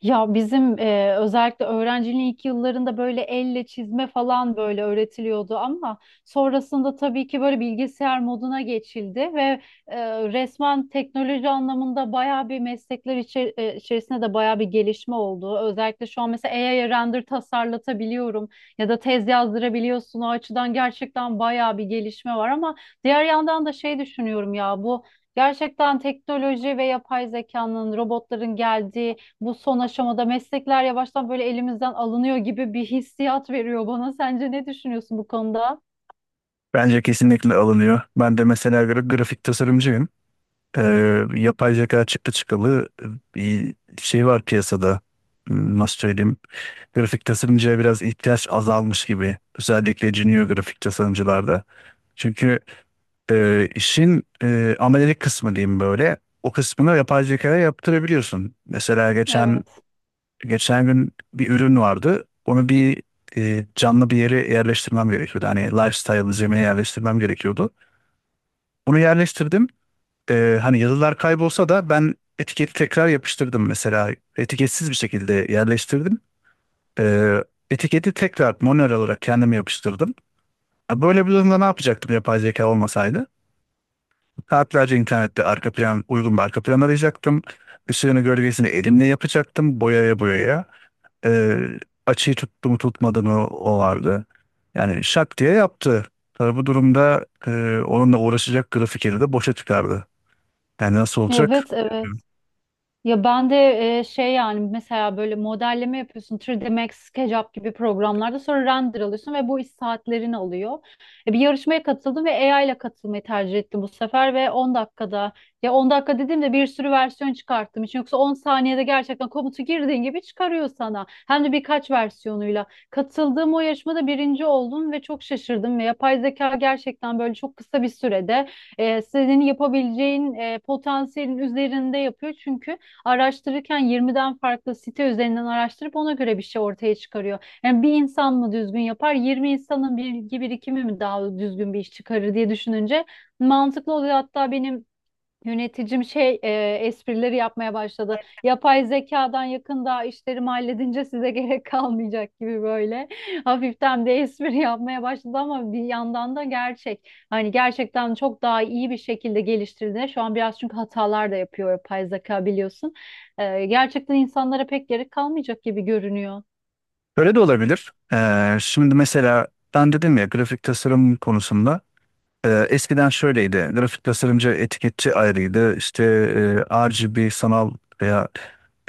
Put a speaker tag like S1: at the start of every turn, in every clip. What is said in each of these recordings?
S1: Ya bizim özellikle öğrenciliğin ilk yıllarında böyle elle çizme falan böyle öğretiliyordu, ama sonrasında tabii ki böyle bilgisayar moduna geçildi ve resmen teknoloji anlamında bayağı bir meslekler içerisinde de bayağı bir gelişme oldu. Özellikle şu an mesela AI'ye render tasarlatabiliyorum ya da tez yazdırabiliyorsun. O açıdan gerçekten bayağı bir gelişme var, ama diğer yandan da şey düşünüyorum ya, bu gerçekten teknoloji ve yapay zekanın, robotların geldiği bu son aşamada meslekler yavaştan böyle elimizden alınıyor gibi bir hissiyat veriyor bana. Sence ne düşünüyorsun bu konuda?
S2: Bence kesinlikle alınıyor. Ben de mesela grafik tasarımcıyım. Ee, yapay zeka çıktı çıkalı bir şey var piyasada. Nasıl söyleyeyim? Grafik tasarımcıya biraz ihtiyaç azalmış gibi. Özellikle junior grafik tasarımcılarda. Çünkü işin amelelik kısmı diyeyim böyle. O kısmını yapay zekaya yaptırabiliyorsun. Mesela geçen
S1: Evet.
S2: geçen gün bir ürün vardı. Onu bir canlı bir yere yerleştirmem gerekiyordu. Hani lifestyle zemine yerleştirmem gerekiyordu. Bunu yerleştirdim. Hani yazılar kaybolsa da ben etiketi tekrar yapıştırdım mesela. Etiketsiz bir şekilde yerleştirdim. Ee, etiketi tekrar manuel olarak kendime yapıştırdım. Ha, böyle bir durumda ne yapacaktım yapay zeka olmasaydı? Saatlerce internette arka plan, uygun bir arka plan arayacaktım. Işığını gölgesini elimle yapacaktım boyaya boyaya. Ee, açıyı tuttu mu tutmadı mı o vardı. Yani şak diye yaptı. Tabii bu durumda onunla uğraşacak grafikeri de boşa çıkardı. Yani nasıl olacak?
S1: Evet, evet. Ya ben de şey, yani mesela böyle modelleme yapıyorsun 3D Max, SketchUp gibi programlarda, sonra render alıyorsun ve bu iş saatlerini alıyor. Bir yarışmaya katıldım ve AI ile katılmayı tercih ettim bu sefer ve 10 dakikada, ya 10 dakika dediğimde bir sürü versiyon çıkarttım için, yoksa 10 saniyede gerçekten komutu girdiğin gibi çıkarıyor sana, hem de birkaç versiyonuyla. Katıldığım o yarışmada birinci oldum ve çok şaşırdım ve yapay zeka gerçekten böyle çok kısa bir sürede senin yapabileceğin potansiyelin üzerinde yapıyor, çünkü araştırırken 20'den farklı site üzerinden araştırıp ona göre bir şey ortaya çıkarıyor. Yani bir insan mı düzgün yapar, 20 insanın bilgi birikimi mi daha düzgün bir iş çıkarır diye düşününce mantıklı oluyor. Hatta benim yöneticim esprileri yapmaya başladı. "Yapay zekadan yakında işlerimi halledince size gerek kalmayacak" gibi böyle. Hafiften de espri yapmaya başladı, ama bir yandan da gerçek. Hani gerçekten çok daha iyi bir şekilde geliştirdi şu an biraz, çünkü hatalar da yapıyor yapay zeka, biliyorsun. Gerçekten insanlara pek gerek kalmayacak gibi görünüyor.
S2: Öyle de olabilir. Şimdi mesela ben dedim ya grafik tasarım konusunda eskiden şöyleydi. Grafik tasarımcı etiketçi ayrıydı. İşte RGB sanal veya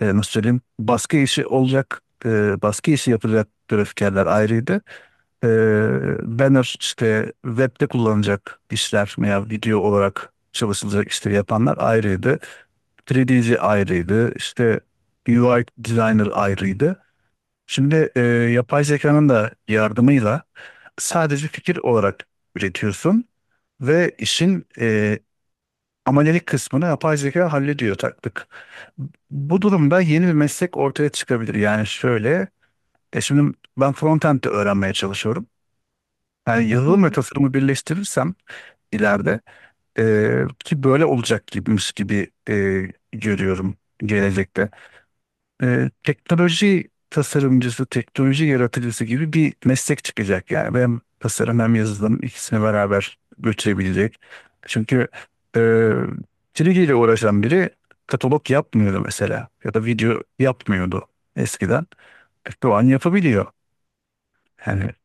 S2: nasıl söyleyeyim baskı işi olacak baskı işi yapılacak grafikerler ayrıydı. E, banner işte webde kullanılacak işler veya video olarak çalışılacak işleri yapanlar ayrıydı. 3D'ci ayrıydı. İşte UI designer ayrıydı. Şimdi yapay zekanın da yardımıyla sadece fikir olarak üretiyorsun ve işin amelelik kısmını yapay zeka hallediyor taktık. Bu durumda yeni bir meslek ortaya çıkabilir. Yani şöyle, şimdi ben frontend de öğrenmeye çalışıyorum. Yani
S1: Hı
S2: yazılım ve
S1: hı.
S2: tasarımı birleştirirsem ileride ki böyle olacak gibimiz gibi görüyorum gelecekte. Teknoloji tasarımcısı, teknoloji yaratıcısı gibi bir meslek çıkacak. Yani hem tasarım hem yazılım ikisini beraber götürebilecek. Çünkü e, çizgiyle uğraşan biri katalog yapmıyordu mesela ya da video yapmıyordu eskiden. Şu an yapabiliyor. Yani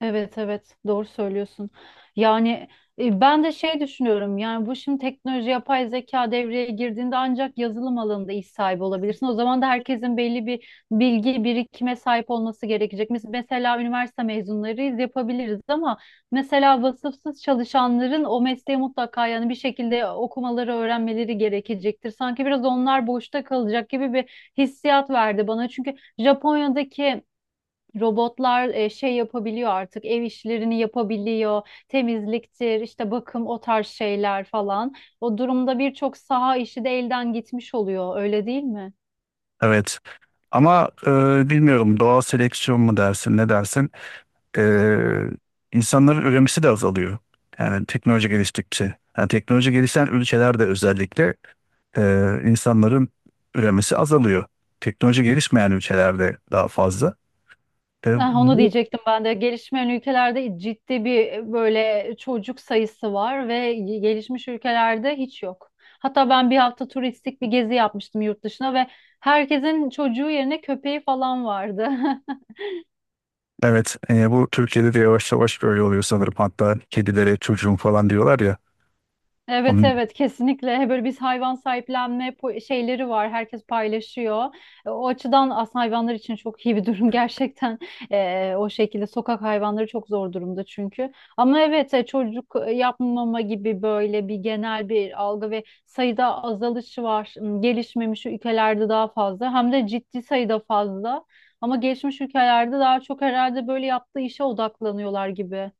S1: Evet, evet, doğru söylüyorsun. Yani ben de şey düşünüyorum, yani bu şimdi teknoloji, yapay zeka devreye girdiğinde ancak yazılım alanında iş sahibi olabilirsin. O zaman da herkesin belli bir bilgi birikime sahip olması gerekecek. Mesela üniversite mezunlarıyız, yapabiliriz, ama mesela vasıfsız çalışanların o mesleği mutlaka, yani bir şekilde okumaları, öğrenmeleri gerekecektir. Sanki biraz onlar boşta kalacak gibi bir hissiyat verdi bana. Çünkü Japonya'daki robotlar şey yapabiliyor artık, ev işlerini yapabiliyor, temizliktir işte, bakım, o tarz şeyler falan. O durumda birçok saha işi de elden gitmiş oluyor, öyle değil mi?
S2: evet. Ama bilmiyorum doğal seleksiyon mu dersin ne dersin? Ee, insanların üremesi de azalıyor. Yani teknoloji geliştikçe. Yani teknoloji gelişen ülkelerde özellikle e, insanların üremesi azalıyor. Teknoloji gelişmeyen ülkelerde daha fazla. E,
S1: Ah, onu
S2: bu-
S1: diyecektim ben de, gelişmeyen ülkelerde ciddi bir böyle çocuk sayısı var ve gelişmiş ülkelerde hiç yok. Hatta ben bir hafta turistik bir gezi yapmıştım yurt dışına ve herkesin çocuğu yerine köpeği falan vardı.
S2: evet, bu Türkiye'de de yavaş yavaş böyle oluyor sanırım. Hatta kedilere çocuğum falan diyorlar ya.
S1: Evet,
S2: Onun,
S1: evet, kesinlikle böyle. Biz hayvan sahiplenme şeyleri var, herkes paylaşıyor. O açıdan aslında hayvanlar için çok iyi bir durum gerçekten. O şekilde sokak hayvanları çok zor durumda, çünkü... Ama evet, çocuk yapmama gibi böyle bir genel bir algı ve sayıda azalışı var. Gelişmemiş ülkelerde daha fazla, hem de ciddi sayıda fazla, ama gelişmiş ülkelerde daha çok herhalde böyle yaptığı işe odaklanıyorlar gibi.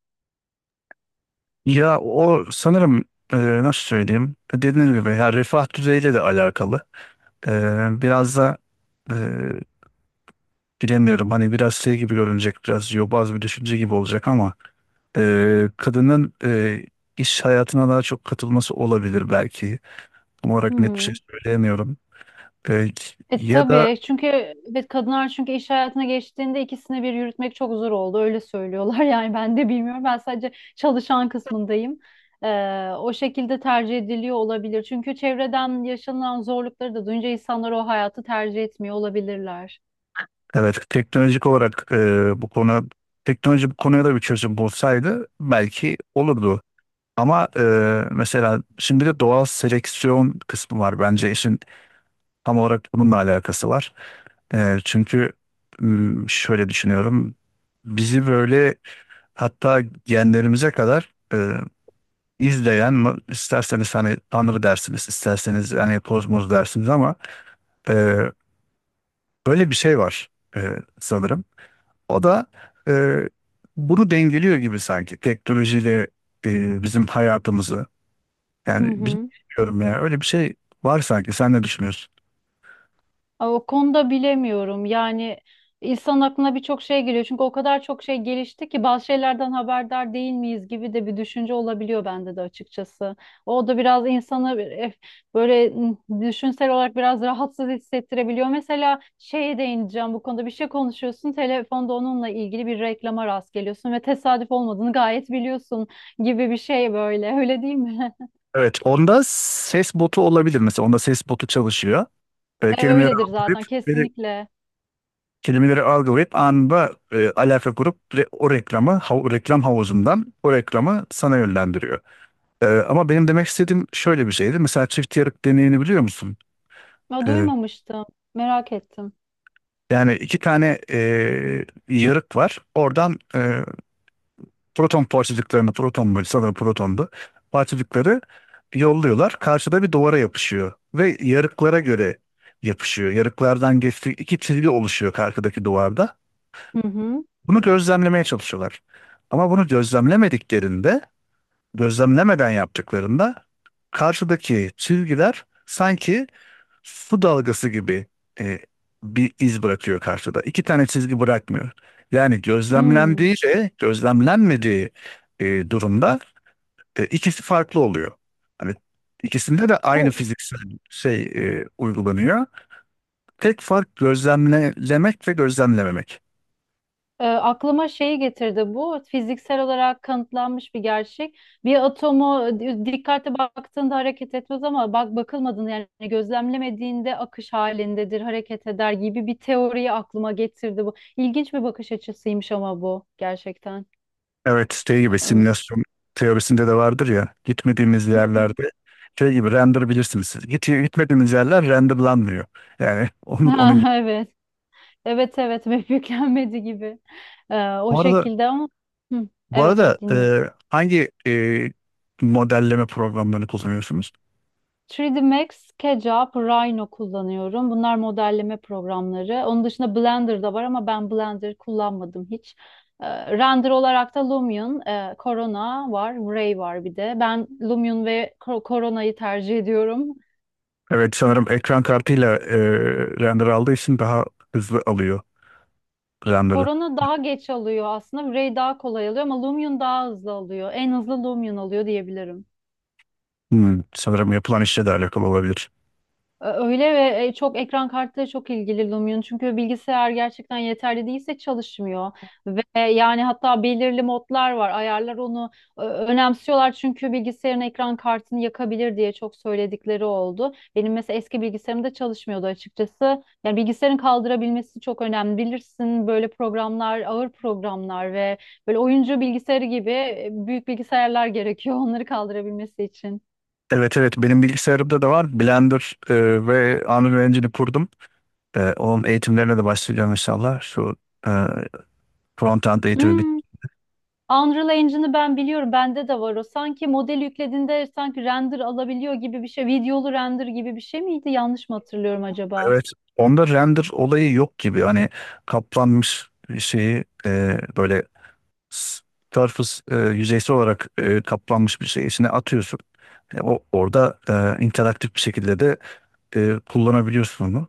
S2: ya o sanırım e, nasıl söyleyeyim? Dediğim gibi ya refah düzeyiyle de alakalı. E, biraz da e, bilemiyorum. Hani biraz şey gibi görünecek, biraz yobaz bir düşünce gibi olacak ama kadının iş hayatına daha çok katılması olabilir belki. Tam
S1: Hı
S2: olarak net bir şey
S1: hı.
S2: söyleyemiyorum. E,
S1: E
S2: ya da
S1: tabii, çünkü... Evet, kadınlar çünkü iş hayatına geçtiğinde ikisini bir yürütmek çok zor oldu öyle söylüyorlar. Yani ben de bilmiyorum, ben sadece çalışan kısmındayım. O şekilde tercih ediliyor olabilir, çünkü çevreden yaşanılan zorlukları da duyunca insanlar o hayatı tercih etmiyor olabilirler.
S2: Evet, teknolojik olarak bu konu teknoloji bu konuya da bir çözüm bulsaydı belki olurdu. Ama mesela şimdi de doğal seleksiyon kısmı var. Bence işin tam olarak bununla alakası var. Çünkü şöyle düşünüyorum. Bizi böyle Hatta genlerimize kadar izleyen isterseniz hani Tanrı dersiniz, isterseniz hani kozmos dersiniz ama e, böyle bir şey var sanırım. O da e, bunu dengeliyor gibi sanki teknolojiyle bizim hayatımızı.
S1: Hı
S2: Yani
S1: hı.
S2: bilmiyorum ya öyle bir şey var sanki. Sen ne düşünüyorsun?
S1: Ay, o konuda bilemiyorum. Yani insan aklına birçok şey geliyor. Çünkü o kadar çok şey gelişti ki, bazı şeylerden haberdar değil miyiz gibi de bir düşünce olabiliyor bende de açıkçası. O da biraz insanı böyle düşünsel olarak biraz rahatsız hissettirebiliyor. Mesela şeye değineceğim: bu konuda bir şey konuşuyorsun, telefonda onunla ilgili bir reklama rast geliyorsun ve tesadüf olmadığını gayet biliyorsun gibi bir şey böyle. Öyle değil mi?
S2: Evet, onda ses botu olabilir mesela. Onda ses botu çalışıyor. E, kelimeleri
S1: Öyledir
S2: algılayıp
S1: zaten, kesinlikle.
S2: Kelimeleri algılayıp anında alaka kurup o reklamı reklam havuzundan o reklamı sana yönlendiriyor. Ama benim demek istediğim şöyle bir şeydi. Mesela çift yarık deneyini biliyor musun?
S1: Ya,
S2: E,
S1: duymamıştım. Merak ettim.
S2: yani iki tane yarık var. Oradan proton parçacıklarını, proton böyle sanırım protondu. Parçacıkları yolluyorlar. Karşıda bir duvara yapışıyor. Ve yarıklara göre yapışıyor. Yarıklardan geçtiği iki çizgi oluşuyor karşıdaki duvarda.
S1: Hı hı.
S2: Bunu gözlemlemeye çalışıyorlar. Ama bunu gözlemlemediklerinde, gözlemlemeden yaptıklarında karşıdaki çizgiler sanki su dalgası gibi e, bir iz bırakıyor karşıda. İki tane çizgi bırakmıyor. Yani
S1: Hmm.
S2: gözlemlendiği ile gözlemlenmediği durumda ikisi farklı oluyor. Hani ikisinde de aynı
S1: Bu
S2: fiziksel şey uygulanıyor. Tek fark gözlemlemek ve gözlemlememek.
S1: aklıma şeyi getirdi, bu fiziksel olarak kanıtlanmış bir gerçek. Bir atomu dikkatli baktığında hareket etmez, ama bak bakılmadığında, yani gözlemlemediğinde akış halindedir, hareket eder gibi bir teoriyi aklıma getirdi bu. İlginç bir bakış açısıymış ama bu, gerçekten.
S2: Evet, şey gibi
S1: Hı
S2: simülasyon teorisinde de vardır ya gitmediğimiz
S1: hı.
S2: yerlerde şey gibi render bilirsiniz siz. Gitmediğimiz yerler renderlanmıyor. Yani onun gibi.
S1: Ha, evet. Evet, evet, ve yüklenmedi gibi. O
S2: Bu arada,
S1: şekilde, ama... Hı,
S2: bu
S1: evet,
S2: arada
S1: evet, dinliyorum.
S2: hangi modelleme programlarını kullanıyorsunuz?
S1: 3D Max, SketchUp, Rhino kullanıyorum. Bunlar modelleme programları. Onun dışında Blender da var, ama ben Blender kullanmadım hiç. Render olarak da Lumion, Corona var, Ray var bir de. Ben Lumion ve Corona'yı tercih ediyorum.
S2: Evet sanırım ekran kartıyla render aldığı için daha hızlı alıyor render'ı.
S1: Corona daha geç alıyor aslında. Ray daha kolay alıyor, ama Lumion daha hızlı alıyor. En hızlı Lumion alıyor diyebilirim.
S2: Sanırım yapılan işle de alakalı olabilir.
S1: Öyle, ve çok ekran kartı çok ilgili Lumion. Çünkü bilgisayar gerçekten yeterli değilse çalışmıyor. Ve yani hatta belirli modlar var. Ayarlar, onu önemsiyorlar. Çünkü bilgisayarın ekran kartını yakabilir diye çok söyledikleri oldu. Benim mesela eski bilgisayarımda çalışmıyordu açıkçası. Yani bilgisayarın kaldırabilmesi çok önemli. Bilirsin, böyle programlar, ağır programlar ve böyle oyuncu bilgisayarı gibi büyük bilgisayarlar gerekiyor onları kaldırabilmesi için.
S2: Evet, evet benim bilgisayarımda da var. Blender ve Unreal Engine'i kurdum. Onun eğitimlerine de başlayacağım inşallah. Şu e, front-end eğitimi.
S1: Hmm. Unreal Engine'ı ben biliyorum, bende de var o. Sanki model yüklediğinde sanki render alabiliyor gibi bir şey. Videolu render gibi bir şey miydi? Yanlış mı hatırlıyorum acaba?
S2: Evet, onda render olayı yok gibi. Hani kaplanmış bir şeyi böyle s- surface yüzeysel olarak kaplanmış bir şey içine atıyorsun. O orada interaktif bir şekilde de kullanabiliyorsun onu.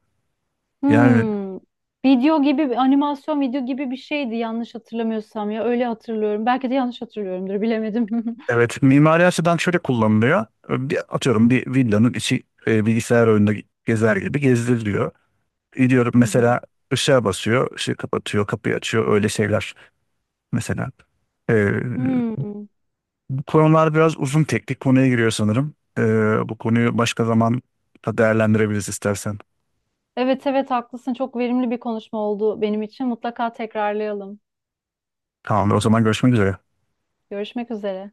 S2: Yani
S1: Hmm. Video gibi, animasyon video gibi bir şeydi yanlış hatırlamıyorsam ya. Öyle hatırlıyorum. Belki de yanlış hatırlıyorumdur, bilemedim.
S2: evet, mimari açıdan şöyle kullanılıyor. Atıyorum bir villanın içi bilgisayar oyununda gezer gibi gezdiriliyor. Gidiyorum
S1: Hı hı.
S2: mesela ışığa basıyor, ışığı kapatıyor, kapıyı açıyor öyle şeyler mesela. E,
S1: Hmm.
S2: Konular biraz uzun teknik konuya giriyor sanırım. Bu konuyu başka zaman da değerlendirebiliriz istersen.
S1: Evet, evet, haklısın. Çok verimli bir konuşma oldu benim için. Mutlaka tekrarlayalım.
S2: Tamamdır, o zaman görüşmek üzere.
S1: Görüşmek üzere.